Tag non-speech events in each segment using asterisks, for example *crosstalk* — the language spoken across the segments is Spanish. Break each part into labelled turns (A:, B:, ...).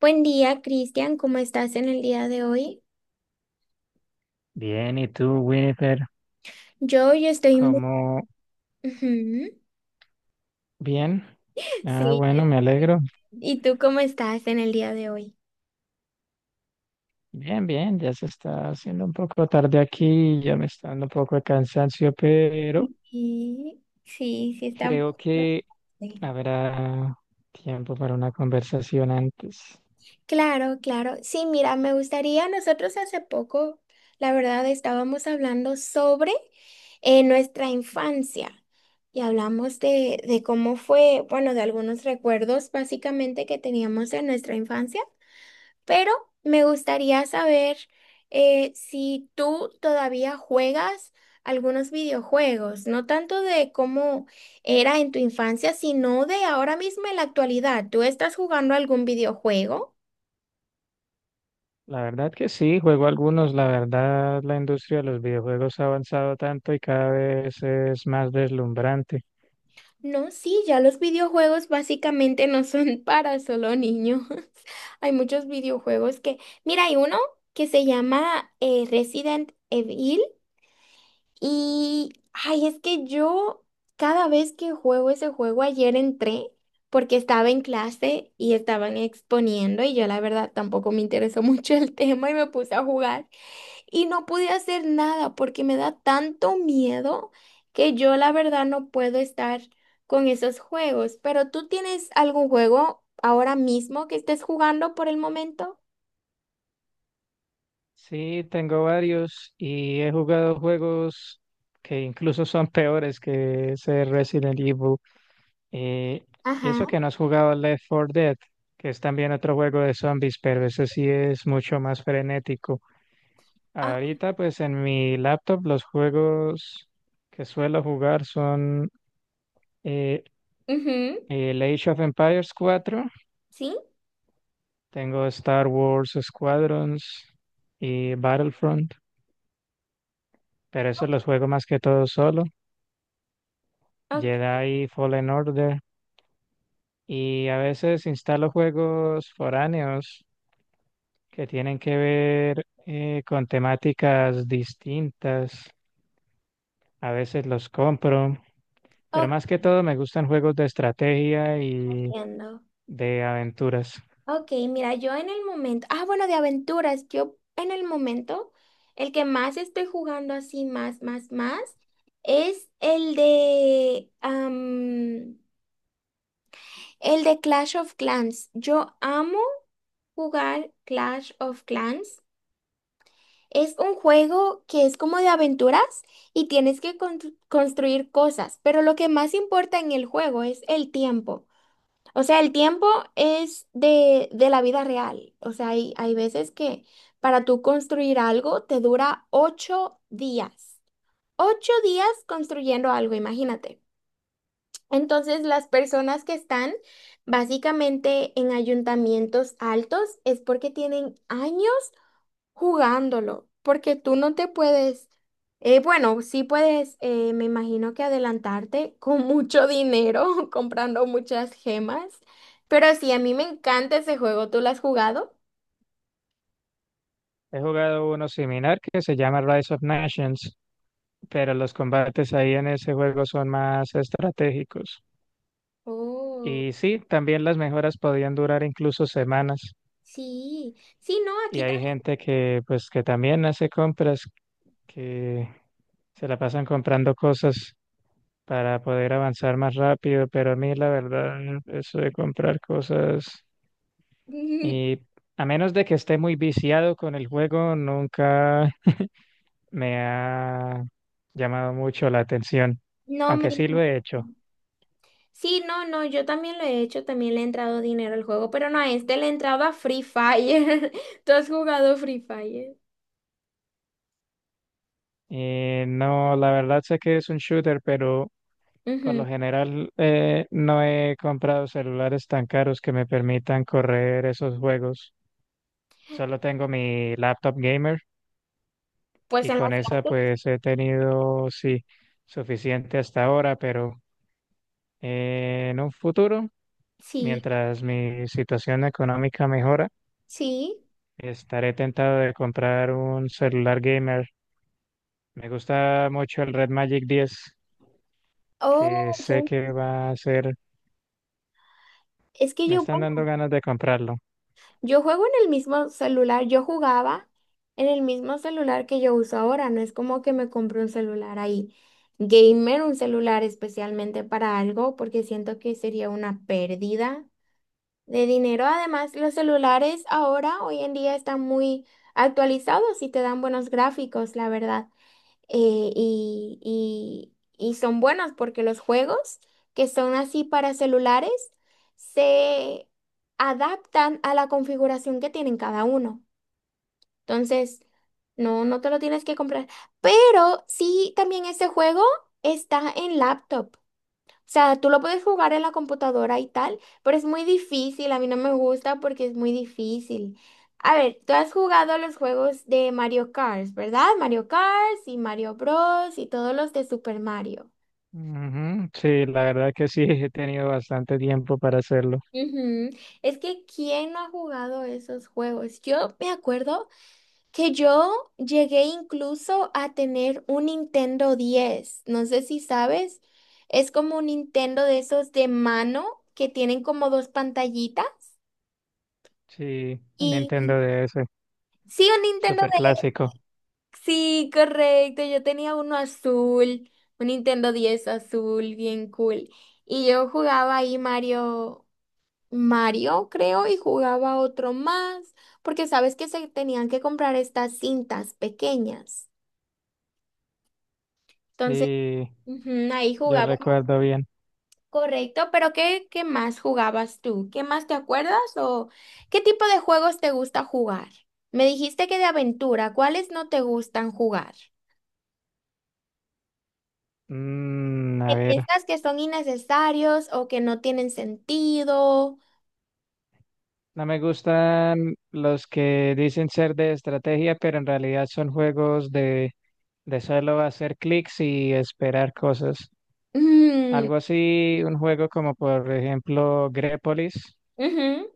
A: Buen día, Cristian. ¿Cómo estás en el día de hoy?
B: Bien, ¿y tú, Winifred?
A: Yo estoy muy...
B: ¿Cómo?
A: Ujú.
B: Bien.
A: *laughs*
B: Ah,
A: Sí. yo-
B: bueno, me alegro.
A: ¿Y tú cómo estás en el día de hoy?
B: Bien, bien, ya se está haciendo un poco tarde aquí, ya me está dando un poco de cansancio, pero
A: Sí, sí, sí, está... un
B: creo
A: poquito-
B: que
A: sí.
B: habrá tiempo para una conversación antes.
A: Claro, claro. Sí, mira, me gustaría, nosotros hace poco, la verdad, estábamos hablando sobre nuestra infancia y hablamos de cómo fue, bueno, de algunos recuerdos básicamente que teníamos en nuestra infancia. Pero me gustaría saber si tú todavía juegas algunos videojuegos, no tanto de cómo era en tu infancia, sino de ahora mismo en la actualidad. ¿Tú estás jugando algún videojuego?
B: La verdad que sí, juego algunos. La verdad, la industria de los videojuegos ha avanzado tanto y cada vez es más deslumbrante.
A: No, sí, ya los videojuegos básicamente no son *laughs* para solo niños. *laughs* Hay muchos videojuegos que... Mira, hay uno que se llama Resident Evil. Y, ay, es que yo cada vez que juego ese juego, ayer entré porque estaba en clase y estaban exponiendo y yo la verdad tampoco me interesó *laughs* mucho el tema y me puse a jugar y no pude hacer nada porque me da tanto miedo que yo la verdad no puedo estar con esos juegos. Pero ¿tú tienes algún juego ahora mismo que estés jugando por el momento?
B: Sí, tengo varios y he jugado juegos que incluso son peores que ese Resident Evil. Eh, Y
A: Ajá.
B: eso que no has jugado Left 4 Dead, que es también otro juego de zombies, pero ese sí es mucho más frenético.
A: Ah,
B: Ahorita, pues en mi laptop, los juegos que suelo jugar son eh,
A: ujú.
B: el Age of Empires 4,
A: Sí,
B: tengo Star Wars Squadrons y Battlefront, pero eso los juego más que todo solo.
A: ok.
B: Jedi Fallen Order, y a veces instalo juegos foráneos que tienen que ver con temáticas distintas. A veces los compro, pero
A: Ok,
B: más que todo me gustan juegos de estrategia y
A: entiendo.
B: de aventuras.
A: Ok, mira, yo en el momento, ah, bueno, de aventuras, yo en el momento, el que más estoy jugando así, más, más, más, es el de, el de Clash of Clans. Yo amo jugar Clash of Clans. Es un juego que es como de aventuras y tienes que construir cosas, pero lo que más importa en el juego es el tiempo. O sea, el tiempo es de la vida real. O sea, hay veces que para tú construir algo te dura 8 días. 8 días construyendo algo, imagínate. Entonces, las personas que están básicamente en ayuntamientos altos es porque tienen años jugándolo, porque tú no te puedes, bueno, sí puedes, me imagino que adelantarte con mucho dinero, *laughs* comprando muchas gemas, pero sí, a mí me encanta ese juego, ¿tú lo has jugado?
B: He jugado uno similar que se llama Rise of Nations, pero los combates ahí en ese juego son más estratégicos.
A: Oh,
B: Y sí, también las mejoras podían durar incluso semanas.
A: sí, sí, no,
B: Y
A: aquí
B: hay gente que, pues, que también hace compras, que se la pasan comprando cosas para poder avanzar más rápido, pero a mí la verdad, eso de comprar cosas,
A: también. *laughs*
B: y a menos de que esté muy viciado con el juego, nunca me ha llamado mucho la atención,
A: No me...
B: aunque sí lo he hecho.
A: Sí, no, no, yo también lo he hecho, también le he entrado dinero al juego, pero no a este le he entrado a Free Fire. *laughs* ¿Tú has jugado Free Fire?
B: Y no, la verdad sé que es un shooter, pero por lo
A: Ujú.
B: general no he comprado celulares tan caros que me permitan correr esos juegos. Solo tengo mi laptop gamer,
A: Pues
B: y
A: en
B: con esa
A: las...
B: pues he tenido, sí, suficiente hasta ahora, pero en un futuro,
A: Sí,
B: mientras mi situación económica mejora,
A: sí.
B: estaré tentado de comprar un celular gamer. Me gusta mucho el Red Magic 10, que
A: Oh,
B: sé
A: ya.
B: que va a ser,
A: Es que
B: me
A: yo,
B: están dando
A: bueno,
B: ganas de comprarlo.
A: yo juego en el mismo celular, yo jugaba en el mismo celular que yo uso ahora, no es como que me compré un celular ahí gamer, un celular especialmente para algo, porque siento que sería una pérdida de dinero. Además, los celulares ahora, hoy en día, están muy actualizados y te dan buenos gráficos, la verdad. eh, y, y- y son buenos porque los juegos que son así para celulares se adaptan a la configuración que tienen cada uno. Entonces, no, no te lo tienes que comprar. Pero sí, también este juego está en laptop. O sea, tú lo puedes jugar en la computadora y tal, pero es muy difícil. A mí no me gusta porque es muy difícil. A ver, tú has jugado los juegos de Mario Kart, ¿verdad? Mario Kart y Mario Bros. Y todos los de Super Mario.
B: Ujú. Sí, la verdad que sí, *laughs* he tenido bastante tiempo para hacerlo.
A: Ujú. Es que ¿quién no ha jugado esos juegos? Yo me acuerdo que yo llegué incluso a tener un Nintendo 10. No sé si sabes. Es como un Nintendo de esos de mano que tienen como dos pantallitas.
B: Sí, un Nintendo DS,
A: Sí, un Nintendo
B: súper
A: de...
B: clásico.
A: Sí, correcto. Yo tenía uno azul, un Nintendo 10 azul, bien cool. Y yo jugaba ahí Mario, Mario, creo, y jugaba otro más, porque sabes que se tenían que comprar estas cintas pequeñas. Entonces,
B: Sí.
A: ujú, ahí
B: Yo
A: jugaba,
B: recuerdo bien.
A: correcto. Pero ¿qué más jugabas tú? ¿Qué más te acuerdas o qué tipo de juegos te gusta jugar? Me dijiste que de aventura. ¿Cuáles no te gustan jugar,
B: A
A: que
B: ver,
A: piensas que son innecesarios o que no tienen sentido?
B: no me gustan los que dicen ser de estrategia, pero en realidad son juegos de, solo hacer clics y esperar cosas.
A: Mm.
B: Algo así, un juego como por ejemplo Grepolis,
A: Ujú.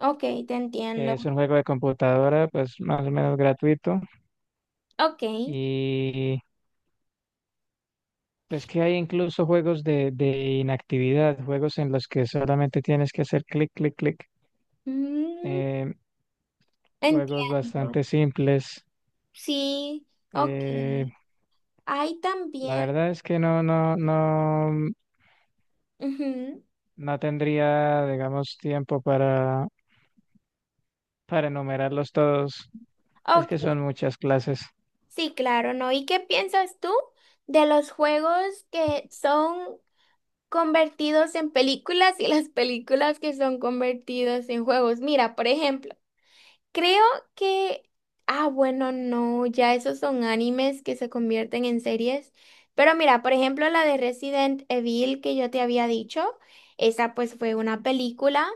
A: Ok, te entiendo.
B: que es un juego de computadora, pues más o menos gratuito.
A: Ok.
B: Y es que hay incluso juegos de, inactividad, juegos en los que solamente tienes que hacer clic, clic, clic.
A: Mm,
B: Eh, juegos
A: entiendo.
B: bastante simples.
A: Sí, ok.
B: Eh,
A: Hay
B: la
A: también.
B: verdad es que no, no, no,
A: Ujú.
B: no tendría, digamos, tiempo para, enumerarlos todos. Es que
A: Ok,
B: son muchas clases.
A: sí, claro, ¿no? ¿Y qué piensas tú de los juegos que son convertidos en películas y las películas que son convertidos en juegos? Mira, por ejemplo. Creo que, ah, bueno, no, ya esos son animes que se convierten en series. Pero mira, por ejemplo, la de Resident Evil que yo te había dicho, esa pues fue una película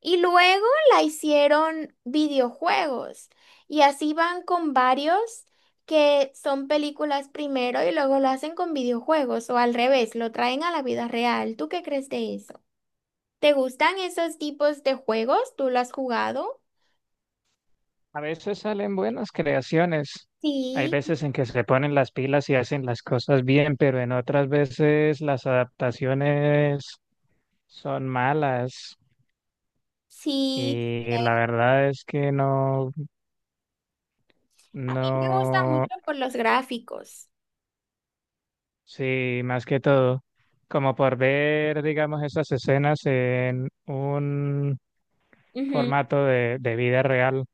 A: y luego la hicieron videojuegos. Y así van con varios que son películas primero y luego lo hacen con videojuegos o al revés, lo traen a la vida real. ¿Tú qué crees de eso? ¿Te gustan esos tipos de juegos? ¿Tú lo has jugado?
B: A veces salen buenas creaciones. Hay
A: Sí.
B: veces en que se ponen las pilas y hacen las cosas bien, pero en otras veces las adaptaciones son malas.
A: Sí,
B: Y la verdad es que no,
A: a mí me gusta
B: no.
A: mucho por los gráficos.
B: Sí, más que todo, como por ver, digamos, esas escenas en un
A: Ujú.
B: formato de, vida real,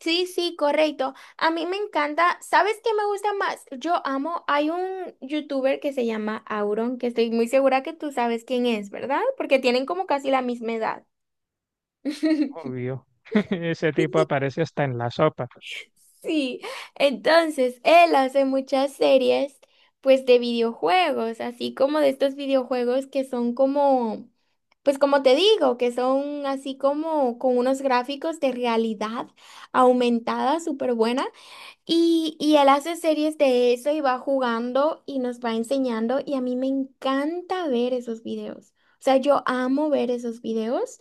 A: Sí, sí, correcto. A mí me encanta. ¿Sabes qué me gusta más? Yo amo. Hay un youtuber que se llama Auron, que estoy muy segura que tú sabes quién es, ¿verdad? Porque tienen como casi la misma edad. *laughs*
B: obvio. *laughs* Ese tipo aparece hasta en la sopa.
A: Sí, entonces él hace muchas series, pues de videojuegos, así como de estos videojuegos que son como, pues como te digo, que son así como con unos gráficos de realidad aumentada súper buena. Y él hace series de eso y va jugando y nos va enseñando y a mí me encanta ver esos videos. O sea, yo amo ver esos videos.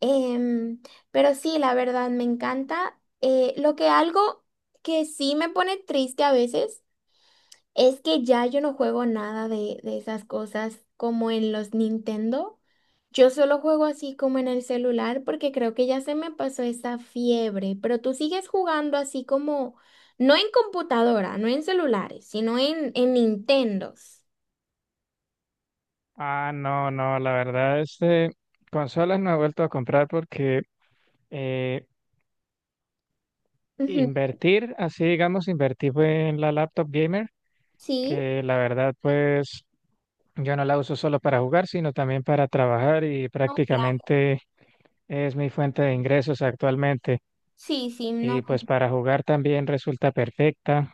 A: Em, pero sí, la verdad, me encanta. Lo que algo que sí me pone triste a veces es que ya yo no juego nada de esas cosas como en los Nintendo. Yo solo juego así como en el celular porque creo que ya se me pasó esa fiebre, pero tú sigues jugando así como, no en computadora, no en celulares, sino en Nintendos.
B: Ah, no, no, la verdad, consolas no he vuelto a comprar porque eh,
A: Ujú.
B: invertir, así digamos, invertir fue en la laptop gamer,
A: Sí.
B: que la verdad, pues yo no la uso solo para jugar, sino también para trabajar, y
A: No, claro.
B: prácticamente es mi fuente de ingresos actualmente,
A: Sí, sí, no.
B: y pues para jugar también resulta perfecta.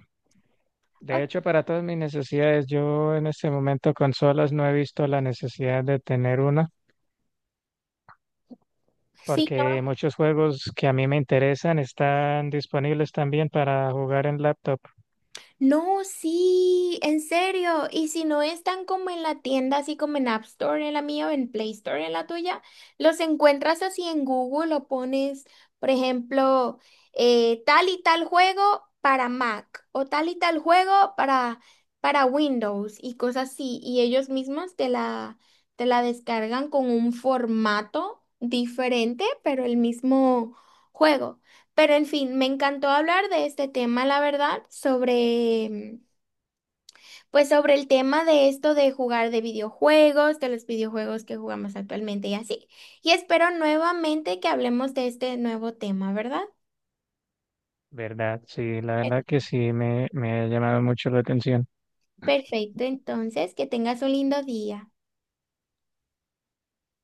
B: De
A: Ok,
B: hecho, para todas mis necesidades, yo en este momento consolas no he visto la necesidad de tener una,
A: sí.
B: porque muchos juegos que a mí me interesan están disponibles también para jugar en laptop.
A: No, sí, en serio. Y si no están como en la tienda, así como en App Store, en la mía, o en Play Store, en la tuya, los encuentras así en Google o pones, por ejemplo, tal y tal juego para Mac o tal y tal juego para Windows y cosas así. Y ellos mismos te la descargan con un formato diferente, pero el mismo juego. Pero en fin, me encantó hablar de este tema, la verdad, sobre, pues sobre el tema de esto de jugar de videojuegos, de los videojuegos que jugamos actualmente y así. Y espero nuevamente que hablemos de este nuevo tema, ¿verdad?
B: ¿Verdad? Sí, la verdad que sí, me ha llamado mucho la atención.
A: Perfecto, entonces, que tengas un lindo día.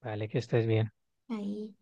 B: Vale, que estés bien.
A: Ahí.